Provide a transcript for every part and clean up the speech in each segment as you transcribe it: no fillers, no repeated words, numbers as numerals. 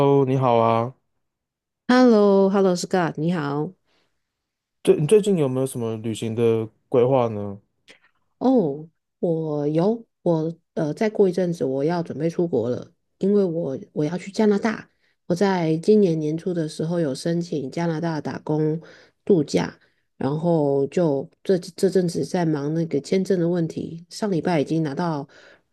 Hello，你好啊。h e l l o h e l l o Scott，你好。你最近有没有什么旅行的规划呢？哦，我有，我再过一阵子我要准备出国了，因为我要去加拿大。我在今年年初的时候有申请加拿大打工度假，然后就这阵子在忙那个签证的问题。上礼拜已经拿到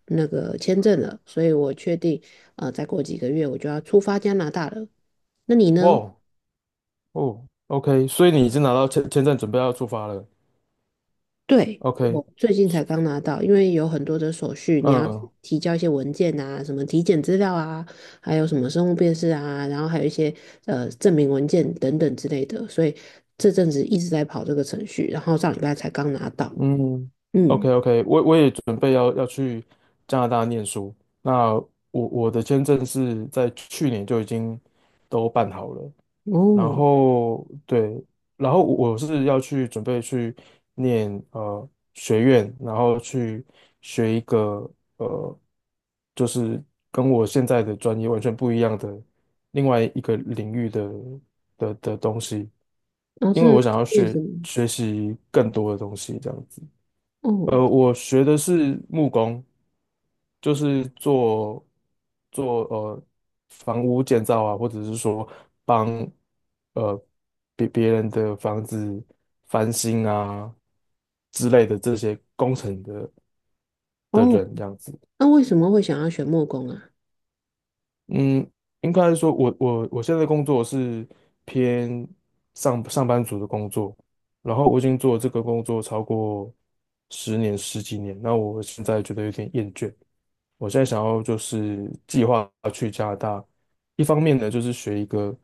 那个签证了，所以我确定再过几个月我就要出发加拿大了。那你哇呢？哦哦，OK，所以你已经拿到签证，准备要出发了。对，OK。我最近才刚拿到，因为有很多的手续，你要去嗯提交一些文件啊，什么体检资料啊，还有什么生物辨识啊，然后还有一些证明文件等等之类的，所以这阵子一直在跑这个程序，然后上礼拜才刚拿到。嗯，OK 嗯，OK，我也准备要去加拿大念书。那我的签证是在去年就已经都办好了，然哦，后对。然后我是要去准备去念学院，然后去学一个呃，就是跟我现在的专业完全不一样的另外一个领域的东西，然后因真为的我吗？想要念什么？学习更多的东西，这样子。呃，哦我学的是木工，就是做房屋建造啊，或者是说帮呃别人的房子翻新啊之类的这些工程的哦，人这样子。那为什么会想要选木工啊？嗯，应该说我现在工作是偏上班族的工作，然后我已经做这个工作超过十几年，那我现在觉得有点厌倦。我现在想要就是计划去加拿大，一方面呢就是学一个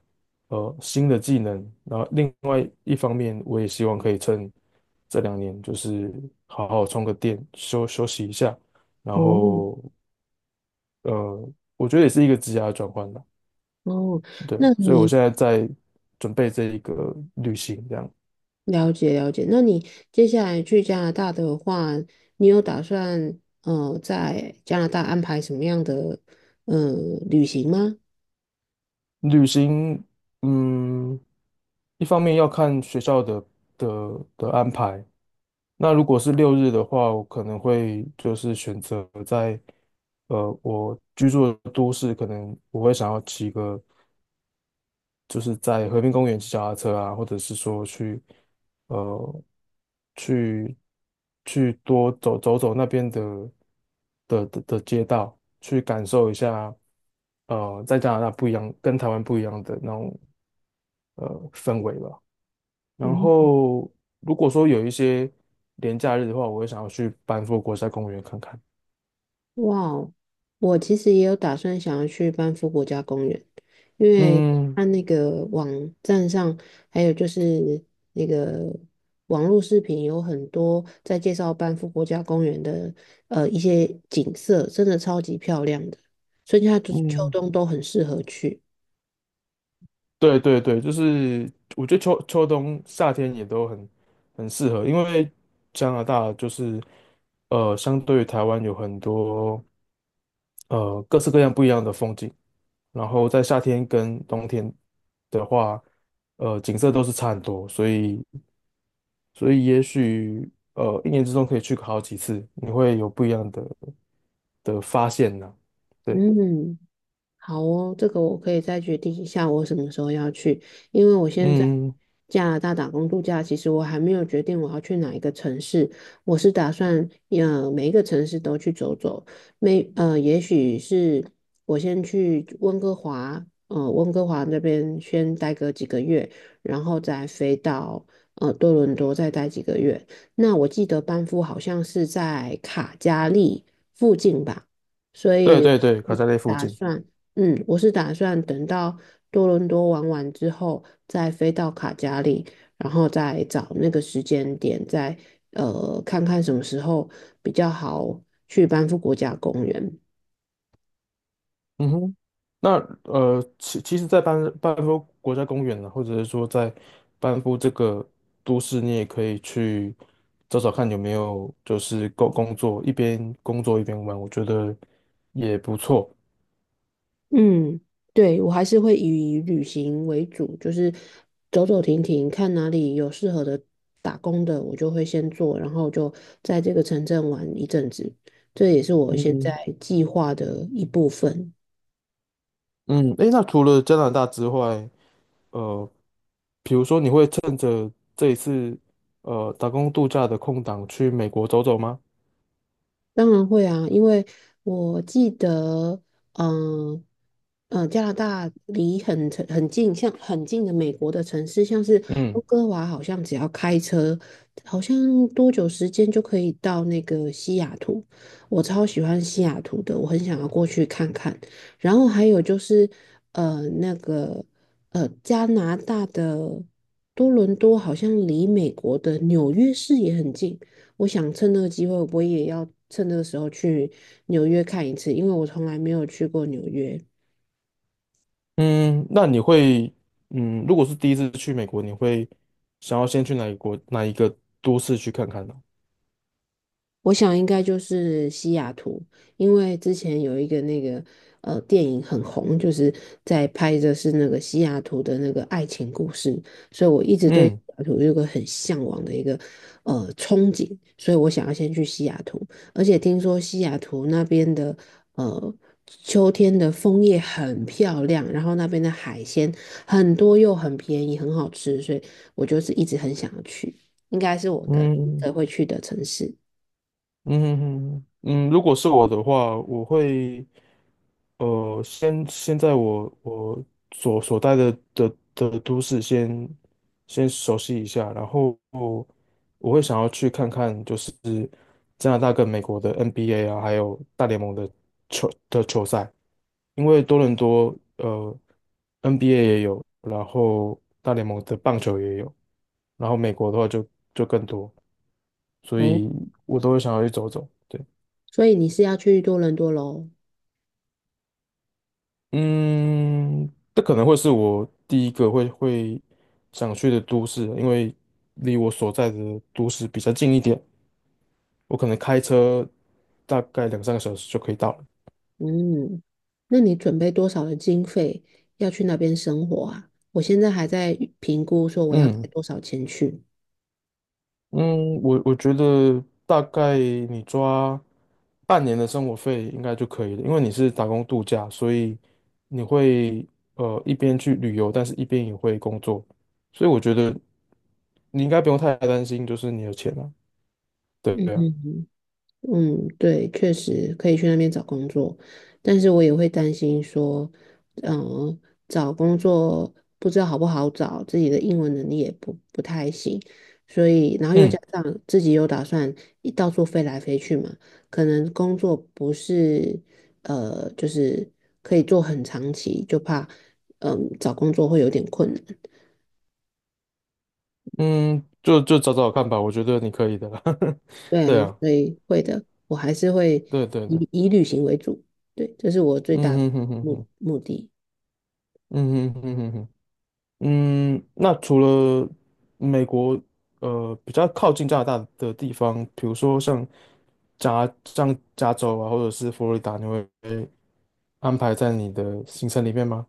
呃新的技能，然后另外一方面我也希望可以趁这两年，就是好好充个电，休息一下，然哦后呃我觉得也是一个职涯转换吧。哦，对，那所以我你现在在准备这一个旅行，这样。了解了解，那你接下来去加拿大的话，你有打算在加拿大安排什么样的呃旅行吗？旅行嗯一方面要看学校的安排。那如果是六日的话，我可能会就是选择在我居住的都市，可能我会想要骑个，就是在和平公园骑脚踏车啊，或者是说呃去去多走那边的街道，去感受一下呃在加拿大不一样，跟台湾不一样的那种呃氛围吧。然嗯，后如果说有一些连假日的话，我会想要去班夫国家公园看看。哇哦，我其实也有打算想要去班夫国家公园，因为嗯。看那个网站上，还有就是那个网络视频有很多在介绍班夫国家公园的一些景色，真的超级漂亮的，春夏秋嗯，冬都很适合去。对对对，就是我觉得秋冬夏天也都很很适合，因为加拿大就是呃，相对于台湾有很多呃各式各样不一样的风景，然后在夏天跟冬天的话，呃，景色都是差很多，所以所以也许呃一年之中可以去好几次，你会有不一样的发现呢、对。嗯。好哦，这个我可以再决定一下我什么时候要去，因为我现在嗯，加拿大打工度假，其实我还没有决定我要去哪一个城市，我是打算每一个城市都去走走，没呃也许是我先去温哥华，呃温哥华那边先待个几个月，然后再飞到多伦多再待几个月。那我记得班夫好像是在卡加利附近吧，所对以对对，卡扎列附打近。算。嗯，我是打算等到多伦多玩完之后，再飞到卡加里，然后再找那个时间点，再看看什么时候比较好去班夫国家公园。嗯哼，那呃，其实，在班夫国家公园呢，或者是说在班夫这个都市，你也可以去找找看有没有就是工作，一边工作一边玩，我觉得也不错。嗯，对，我还是会以旅行为主，就是走走停停，看哪里有适合的打工的，我就会先做，然后就在这个城镇玩一阵子，这也是我现在嗯。计划的一部分。嗯，诶，那除了加拿大之外，这一次呃打工度假的空档去美国走走吗？当然会啊，因为我记得，嗯、加拿大离很城很近，像很近的美国的城市，像是嗯。温哥华，好像只要开车，好像多久时间就可以到那个西雅图。我超喜欢西雅图的，我很想要过去看看。然后还有就是，呃，那个加拿大的多伦多好像离美国的纽约市也很近。我想趁这个机会，我也要趁这个时候去纽约看一次，因为我从来没有去过纽约。嗯，那你会嗯，如果是第一次去美国，你会想要先去哪一国哪一个都市去看看呢？我想应该就是西雅图，因为之前有一个那个电影很红，就是在拍的是那个西雅图的那个爱情故事，所以我一直对西嗯。雅图有个很向往的一个憧憬，所以我想要先去西雅图，而且听说西雅图那边的呃秋天的枫叶很漂亮，然后那边的海鲜很多又很便宜，很好吃，所以我就是一直很想要去，应该是我的嗯会去的城市。嗯，如果是我的话，我会，呃，先现在我所所在的都市先先熟悉一下，然后我会想要去看看，就是加拿大跟美国的 NBA 啊，还有大联盟的球赛，因为多伦多呃 NBA 也有，然后大联盟的棒球也有，然后美国的话就就更多，所哦。以我都会想要去走走。对。所以你是要去多伦多喽？嗯，这可能会是我第一个会想去的都市，因为离我所在的都市比较近一点，我可能开车大概两三个小时就可以到了。嗯，那你准备多少的经费要去那边生活啊？我现在还在评估说我要带嗯。多少钱去。嗯，我觉得大概你抓半年的生活费应该就可以了，因为你是打工度假，所以你会呃一边去旅游，但是一边也会工作，所以我觉得你应该不用太担心，就是你的钱了。对啊。嗯，对，确实可以去那边找工作，但是我也会担心说，嗯，找工作不知道好不好找，自己的英文能力也不太行，所以然后又嗯。加上自己又打算一到处飞来飞去嘛，可能工作不是就是可以做很长期，就怕嗯找工作会有点困难。嗯，就找找看吧，我觉得你可以的啦。对对，啊。所以会的，我还是会对对对。以旅行为主。对，这是我最大的嗯哼哼哼目哼。目的。嗯哼哼哼哼。嗯，那除了美国，呃，比较靠近加拿大的地方，比如说像像加州啊，或者是佛罗里达，你会安排在你的行程里面吗？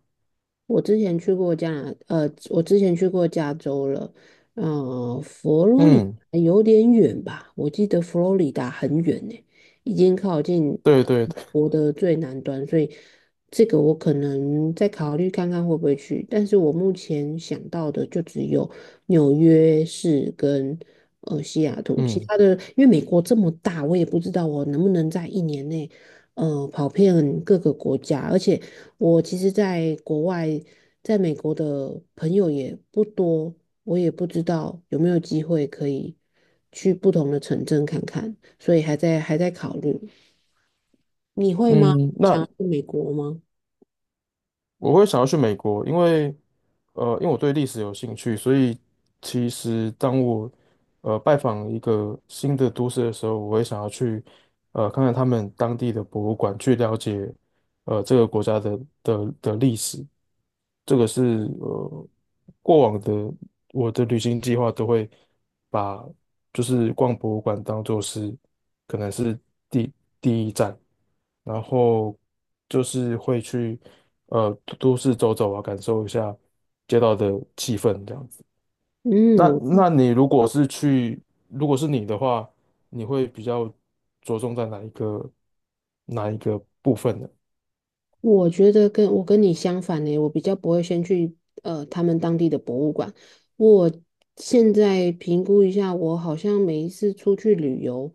我之前去过加拿，呃，我之前去过加州了，呃，佛罗里嗯，达有点远吧？我记得佛罗里达很远呢，已经靠近对对对。我的最南端，所以这个我可能再考虑看看会不会去。但是我目前想到的就只有纽约市跟西雅图，其嗯他的因为美国这么大，我也不知道我能不能在一年内。跑遍各个国家，而且我其实在国外，在美国的朋友也不多，我也不知道有没有机会可以去不同的城镇看看，所以还在考虑。你会吗？嗯，想那要去美国吗？我会想要去美国，因为呃，因为我对历史有兴趣，所以其实当我呃拜访一个新的都市的时候，我会想要去呃看看他们当地的博物馆，去了解呃这个国家的历史，这个是呃过往的我的旅行计划都会把就是逛博物馆当做是可能是第第一站，然后就是会去呃都市走走啊，感受一下街道的气氛这样子。那嗯，那你如果是去，如果是你的话，你会比较着重在哪一个哪一个部分呢？我觉得跟我跟你相反呢，我比较不会先去他们当地的博物馆。我现在评估一下，我好像每一次出去旅游，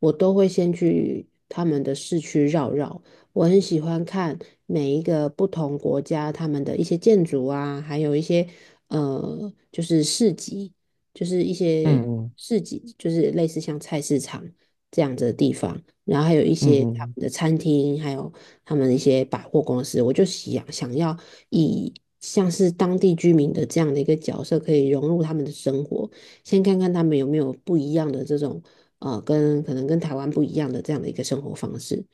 我都会先去他们的市区绕绕。我很喜欢看每一个不同国家他们的一些建筑啊，还有一些就是市集，就是一嗯些嗯市集，就是类似像菜市场这样子的地方。然后还有一嗯些他们嗯的餐厅，还有他们一些百货公司，我就想要以像是当地居民的这样的一个角色，可以融入他们的生活，先看看他们有没有不一样的这种跟可能跟台湾不一样的这样的一个生活方式，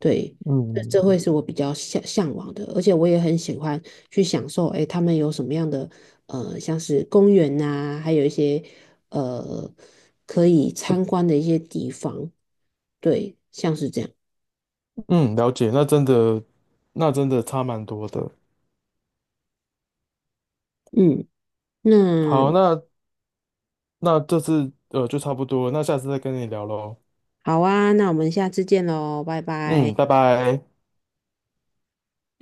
对。这会嗯是我比较向往的，而且我也很喜欢去享受，哎，他们有什么样的像是公园呐、还有一些呃可以参观的一些地方，对，像是这样。嗯，了解，那真的，那真的差蛮多的。嗯，好，那那那这次呃就差不多，那下次再跟你聊喽。好啊，那我们下次见喽，拜拜。嗯，拜拜。